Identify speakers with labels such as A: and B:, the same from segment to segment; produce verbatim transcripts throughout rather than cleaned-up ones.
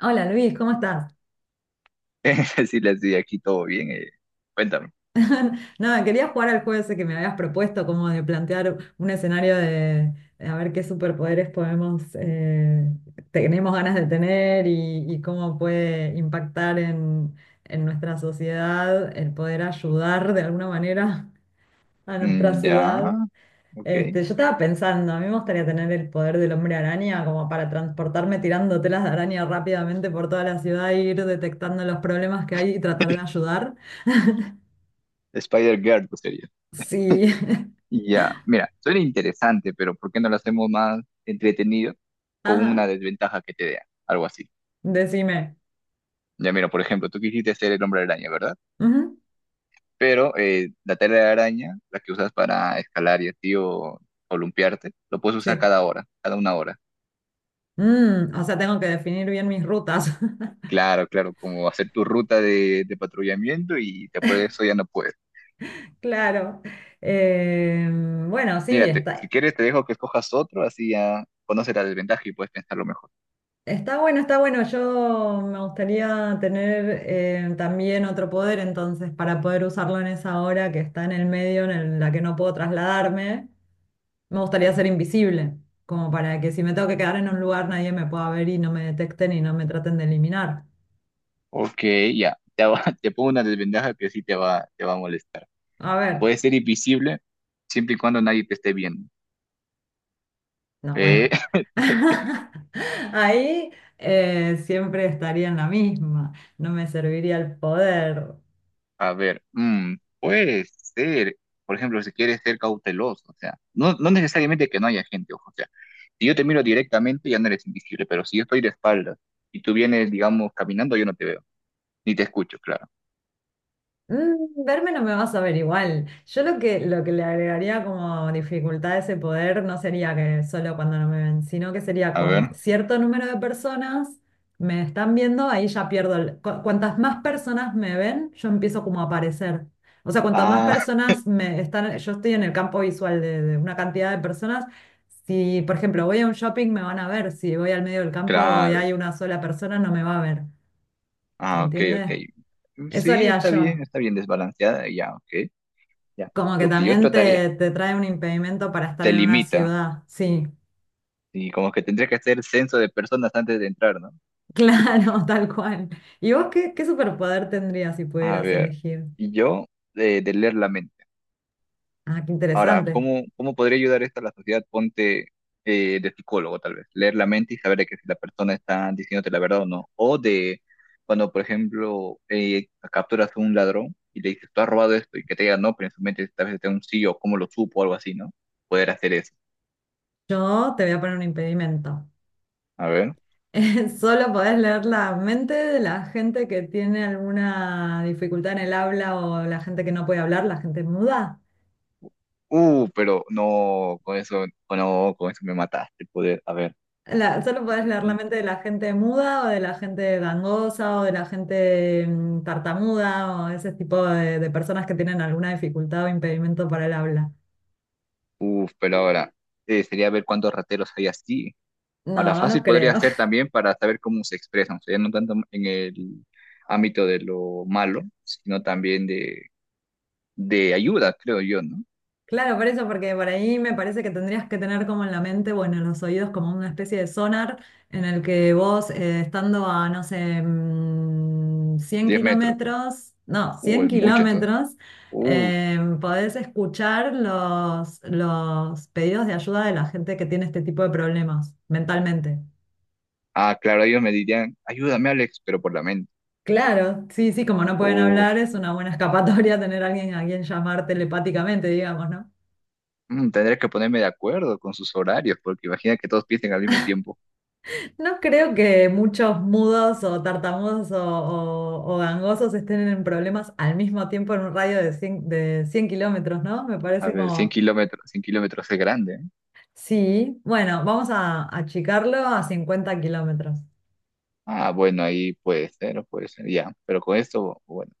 A: Hola Luis, ¿cómo estás?
B: Sí, les di aquí todo bien. eh, Cuéntame.
A: Nada, quería jugar al juego ese que me habías propuesto, como de plantear un escenario de, de a ver qué superpoderes podemos, eh, tenemos ganas de tener y, y cómo puede impactar en, en nuestra sociedad el poder ayudar de alguna manera a nuestra
B: Mm, ya,
A: ciudad.
B: ok.
A: Este, yo estaba pensando, a mí me gustaría tener el poder del hombre araña como para transportarme tirando telas de araña rápidamente por toda la ciudad e ir detectando los problemas que hay y tratar de ayudar.
B: Spider-Girl, pues sería.
A: Sí.
B: Y ya, mira, suena interesante, pero ¿por qué no lo hacemos más entretenido con
A: Ajá,
B: una desventaja que te dé? Algo así.
A: decime.
B: Ya, mira, por ejemplo, tú quisiste ser el hombre araña, ¿verdad?
A: Ujú.
B: Pero eh, la tela de araña, la que usas para escalar y así o columpiarte, lo puedes usar
A: Sí.
B: cada hora, cada una hora.
A: Mm, o sea, tengo que definir bien mis rutas.
B: Claro, claro, como hacer tu ruta de, de patrullamiento y después de eso ya no puedes.
A: Claro. Eh, bueno, sí,
B: Mira, te- si
A: está,
B: quieres te dejo que escojas otro, así ya conoces la desventaja y puedes pensarlo mejor.
A: está bueno, está bueno. Yo me gustaría tener eh, también otro poder, entonces, para poder usarlo en esa hora que está en el medio, en el- la que no puedo trasladarme, me gustaría ser invisible, como para que si me tengo que quedar en un lugar, nadie me pueda ver y no me detecten y no me traten de eliminar.
B: Ok, ya. Te, hago- te pongo una desventaja que sí te va, te va a molestar.
A: A ver.
B: Puede ser invisible siempre y cuando nadie te esté viendo.
A: No,
B: Eh,
A: bueno, ahí eh, siempre estaría en la misma, no me serviría el poder.
B: a ver, mm, puede ser, por ejemplo, si quieres ser cauteloso, o sea, no, no necesariamente que no haya gente, ojo, o sea, si yo te miro directamente ya no eres invisible, pero si yo estoy de espaldas y tú vienes, digamos, caminando, yo no te veo, ni te escucho, claro.
A: Mm, Verme no me vas a ver igual. Yo lo que, lo que le agregaría como dificultad a ese poder no sería que solo cuando no me ven, sino que sería
B: A
A: cuando
B: ver.
A: cierto número de personas me están viendo, ahí ya pierdo. El- cu- cuantas más personas me ven, yo empiezo como a aparecer. O sea, cuantas más
B: Ah,
A: personas me están, yo estoy en el campo visual de, de una cantidad de personas. Si, por ejemplo, voy a un shopping, me van a ver. Si voy al medio del campo y
B: claro.
A: hay una sola persona, no me va a ver. ¿Se
B: Ah, ok, ok.
A: entiende?
B: Mm,
A: Eso
B: sí,
A: haría
B: está bien,
A: yo.
B: está bien desbalanceada, ya, ok, ya.
A: Como que
B: Lo que yo
A: también
B: trataría
A: te, te trae un impedimento para estar
B: te
A: en una
B: limita
A: ciudad. Sí,
B: y como que tendría que hacer censo de personas antes de entrar, ¿no?
A: claro, tal cual. ¿Y vos qué, qué superpoder tendrías si
B: A
A: pudieras
B: ver,
A: elegir?
B: y yo de, de leer la mente.
A: Ah, qué
B: Ahora,
A: interesante.
B: ¿cómo, cómo podría ayudar esto a la sociedad? Ponte eh, de psicólogo, tal vez. Leer la mente y saber de que si la persona está diciéndote la verdad o no. O de cuando, por ejemplo, eh, capturas a un ladrón y le dices, tú has robado esto y que te diga no, pero en su mente tal vez está un sí o cómo lo supo o algo así, ¿no? Poder hacer eso.
A: Yo te voy a poner un impedimento.
B: A ver.
A: Solo podés leer la mente de la gente que tiene alguna dificultad en el habla o la gente que no puede hablar, la gente muda.
B: Uh, pero no, con eso, no, con eso me mataste, poder. A ver.
A: La- solo podés leer la mente de la gente muda o de la gente gangosa o de la gente mm, tartamuda o ese tipo de, de personas que tienen alguna dificultad o impedimento para el habla.
B: Uf, pero ahora, eh, sería ver cuántos rateros hay así. Ahora,
A: No, no
B: fácil podría
A: creo.
B: ser también para saber cómo se expresan, o sea, ya no tanto en el ámbito de lo malo, sino también de, de ayuda, creo yo, ¿no?
A: Claro, por eso, porque por ahí me parece que tendrías que tener como en la mente, bueno, los oídos como una especie de sonar en el que vos eh, estando a, no sé, mm, cien
B: Diez metros. Bueno.
A: kilómetros, no,
B: Uh,
A: cien
B: es mucho, entonces.
A: kilómetros,
B: Uf,
A: eh, podés escuchar los, los pedidos de ayuda de la gente que tiene este tipo de problemas mentalmente.
B: ah, claro, ellos me dirían, ayúdame, Alex, pero por la mente.
A: Claro, sí, sí, como no pueden
B: Uf,
A: hablar, es una buena escapatoria tener a alguien a quien llamar telepáticamente, digamos, ¿no?
B: mm, tendré que ponerme de acuerdo con sus horarios, porque imagina que todos piensen al mismo tiempo.
A: No creo que muchos mudos o tartamudos o, o- o gangosos estén en problemas al mismo tiempo en un radio de cien de cien kilómetros, ¿no? Me
B: A
A: parece
B: ver, cien
A: como,
B: kilómetros, cien kilómetros es grande. ¿Eh?
A: sí, bueno, vamos a achicarlo a cincuenta kilómetros.
B: Ah, bueno, ahí puede ser, puede ser, ya. Pero con esto, bueno,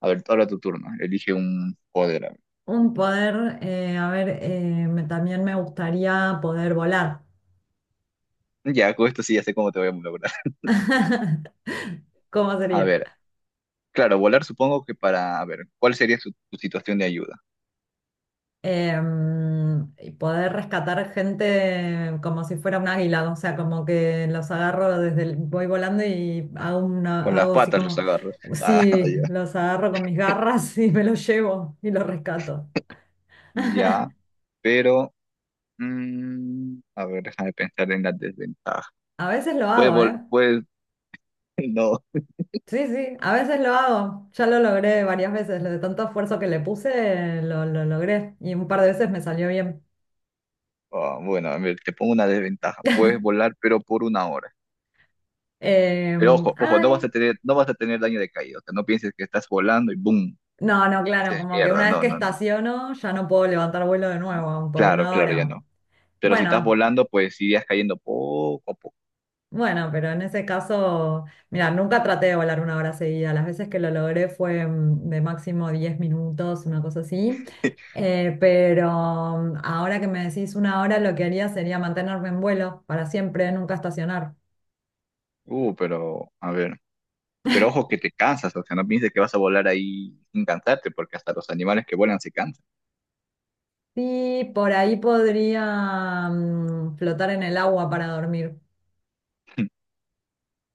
B: a ver, ahora tu turno. Elige un poder. A ver.
A: Un poder, eh, a ver, eh, me- también me gustaría poder volar.
B: Ya, con esto sí ya sé cómo te voy a lograr.
A: ¿Cómo
B: A
A: sería?
B: ver, claro, volar supongo que para, a ver, ¿cuál sería su, su situación de ayuda?
A: Em, y poder rescatar gente como si fuera un águila, o sea, como que los agarro desde el- voy volando y hago una,
B: Con las
A: hago así
B: patas los
A: como,
B: agarros. Ah,
A: sí,
B: ya.
A: los agarro con mis garras y me los llevo y los rescato.
B: Ya, pero, mm, a ver, déjame pensar en la desventaja.
A: A veces lo
B: Puedes
A: hago,
B: volar,
A: ¿eh?
B: puedes, no.
A: Sí, sí, a veces lo hago. Ya lo logré varias veces, lo de tanto esfuerzo que le puse, lo, lo logré y un par de veces me salió bien.
B: Ah, bueno, a ver, te pongo una desventaja. Puedes volar, pero por una hora. Pero
A: Em,
B: ojo, ojo, no
A: ay,
B: vas a tener, no vas a tener daño de caída. O sea, no pienses que estás volando y ¡boom!
A: No, no, claro,
B: Haces
A: como que
B: mierda.
A: una vez
B: No,
A: que
B: no, no.
A: estaciono ya no puedo levantar vuelo de nuevo por
B: Claro,
A: una
B: claro, ya
A: hora.
B: no. Pero si estás
A: Bueno,
B: volando, pues sí irías cayendo poco a poco.
A: bueno, pero en ese caso, mira, nunca traté de volar una hora seguida. Las veces que lo logré fue mm, de máximo diez minutos, una cosa así. Eh, pero mm, Ahora que me decís una hora, lo que haría sería mantenerme en vuelo para siempre, nunca estacionar.
B: Uh, pero, a ver. Pero ojo que te cansas, o sea, no pienses que vas a volar ahí sin cansarte, porque hasta los animales que vuelan se cansan.
A: Sí, por ahí podría mm, flotar en el agua para dormir.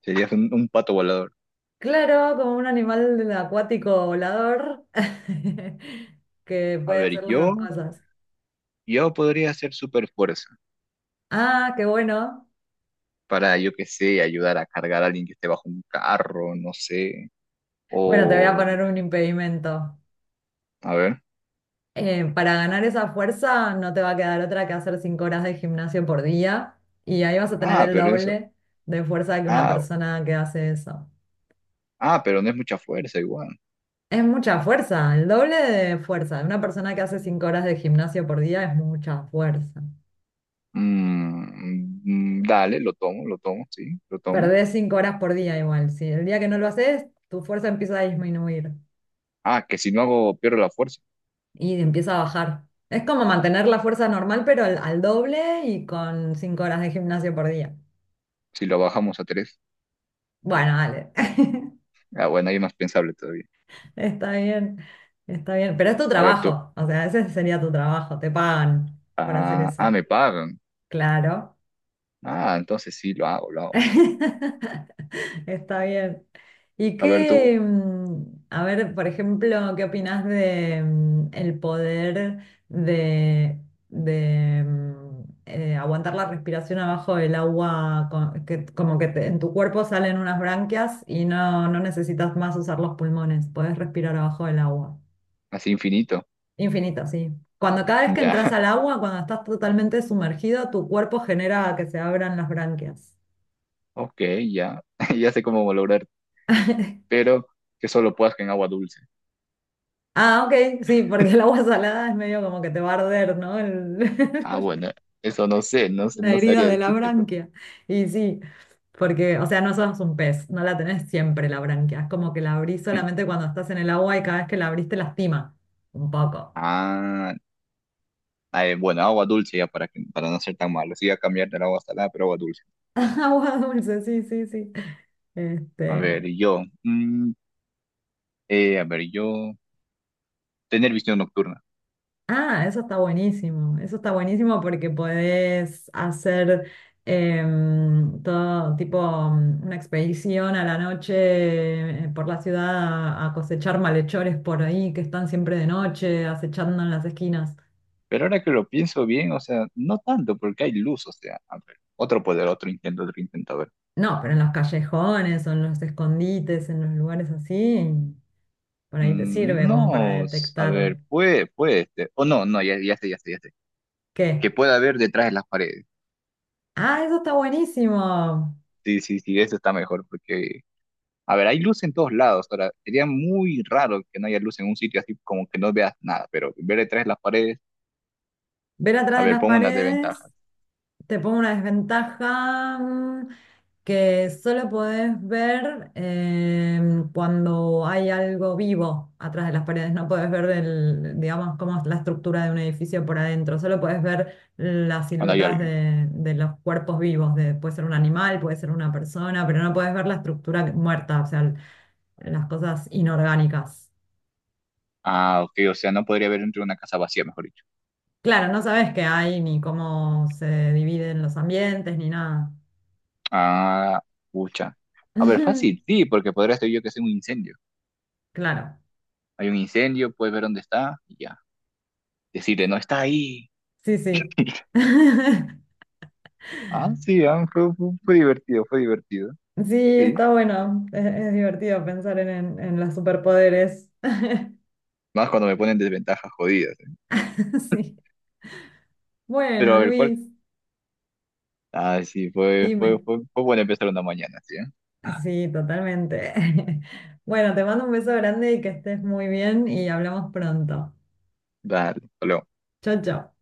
B: Serías un, un pato volador.
A: Claro, como un animal acuático volador que
B: A
A: puede
B: ver,
A: hacer las dos
B: yo,
A: cosas.
B: yo podría hacer super fuerza
A: Ah, qué bueno.
B: para, yo qué sé, ayudar a cargar a alguien que esté bajo un carro, no sé.
A: Bueno, te voy a
B: O,
A: poner un impedimento.
B: a ver.
A: Eh, para ganar esa fuerza no te va a quedar otra que hacer cinco horas de gimnasio por día y ahí vas a tener
B: Ah,
A: el
B: pero eso.
A: doble de fuerza que una
B: Ah,
A: persona que hace eso.
B: ah, pero no es mucha fuerza igual.
A: Es mucha fuerza, el doble de fuerza. Una persona que hace cinco horas de gimnasio por día es mucha fuerza.
B: Mm, mm, dale, lo tomo, lo tomo, sí, lo tomo.
A: Perdés cinco horas por día igual. Si el día que no lo haces, tu fuerza empieza a disminuir.
B: Ah, que si no hago, pierdo la fuerza.
A: Y empieza a bajar. Es como mantener la fuerza normal, pero al, al doble y con cinco horas de gimnasio por día.
B: Si lo bajamos a tres.
A: Bueno, dale,
B: Ah, bueno, ahí es más pensable todavía.
A: está bien, está bien, pero es tu
B: A ver tú.
A: trabajo, o sea, ese sería tu trabajo, te pagan por hacer
B: Ah, ah,
A: eso.
B: me pagan.
A: Claro.
B: Ah, entonces sí, lo hago, lo hago.
A: Está bien. ¿Y
B: A ver tú,
A: qué, mm, a ver, por ejemplo, qué opinas de mm, el poder de, de, mm, eh, aguantar la respiración abajo del agua, co- que, como que te- en tu cuerpo salen unas branquias y no, no necesitas más usar los pulmones, podés respirar abajo del agua.
B: así infinito.
A: Infinito, sí. Cuando cada vez que
B: Ya,
A: entras al agua, cuando estás totalmente sumergido, tu cuerpo genera que se abran las branquias.
B: ok, ya. Ya sé cómo lograr, pero que solo puedas que en agua dulce.
A: Ah, ok, sí, porque el agua salada es medio como que te va a arder, ¿no? El-
B: Ah, bueno, eso no sé, no sé,
A: la
B: no
A: herida
B: sabría
A: de la
B: decirte, pero...
A: branquia. Y sí, porque, o sea, no sos un pez, no la tenés siempre la branquia. Es como que la abrís solamente cuando estás en el agua y cada vez que la abrís te lastima un poco.
B: Ah, ah, eh, bueno, agua dulce ya para, que- para no ser tan malo. Sí, a cambiar del agua salada, pero agua dulce.
A: Agua dulce, sí, sí, sí.
B: A ver,
A: Este,
B: yo, mm, eh, a ver, yo, tener visión nocturna.
A: Ah, eso está buenísimo. Eso está buenísimo porque podés hacer em, todo tipo mm, una expedición a la noche eh, por la ciudad a, a cosechar malhechores por ahí que están siempre de noche acechando en las esquinas.
B: Pero ahora que lo pienso bien, o sea, no tanto, porque hay luz, o sea, a ver, otro poder, otro intento, otro intento, a ver.
A: No, pero en los callejones o en los escondites, en los lugares así, por ahí te
B: Mm,
A: sirve como para
B: no, s- a
A: detectar
B: ver, puede, puede, este, o no, no, ya, ya sé, ya sé, ya sé. Que
A: qué.
B: pueda ver detrás de las paredes.
A: Ah, eso está buenísimo.
B: Sí, sí, sí, eso está mejor, porque, a ver, hay luz en todos lados. Ahora, sería muy raro que no haya luz en un sitio así como que no veas nada, pero ver detrás de las paredes.
A: Ver atrás
B: A
A: de
B: ver,
A: las
B: pongo unas
A: paredes.
B: desventajas.
A: Te pongo una desventaja mm, que solo podés ver em, cuando hay algo vivo atrás de las paredes. No podés ver el, digamos, cómo es la estructura de un edificio por adentro. Solo podés ver las
B: Cuando hay
A: siluetas
B: alguien.
A: de, de los cuerpos vivos. De- puede ser un animal, puede ser una persona, pero no podés ver la estructura muerta, o sea, el- las cosas inorgánicas.
B: Ah, ok, o sea, no podría haber entre una casa vacía, mejor dicho.
A: Claro, no sabes qué hay, ni cómo se dividen los ambientes, ni nada.
B: Ah, pucha. A ver, fácil, sí, porque podría ser yo que sea un incendio.
A: Claro.
B: Hay un incendio, puedes ver dónde está y ya. Decirle, no está ahí.
A: Sí, sí.
B: Ah, sí, ah, fue, fue- fue divertido, fue divertido.
A: Sí,
B: Sí.
A: está bueno. Es, es divertido pensar en, en, en los superpoderes.
B: Más cuando me ponen desventajas jodidas. ¿Eh?
A: Sí.
B: Pero
A: Bueno,
B: a ver, ¿cuál?
A: Luis,
B: Ah, sí, fue, fue,
A: dime.
B: fue, fue bueno empezar una mañana, sí, ¿eh? Ah,
A: Sí, totalmente. Bueno, te mando un beso grande y que estés muy bien y hablamos pronto.
B: dale,
A: Chao, chao.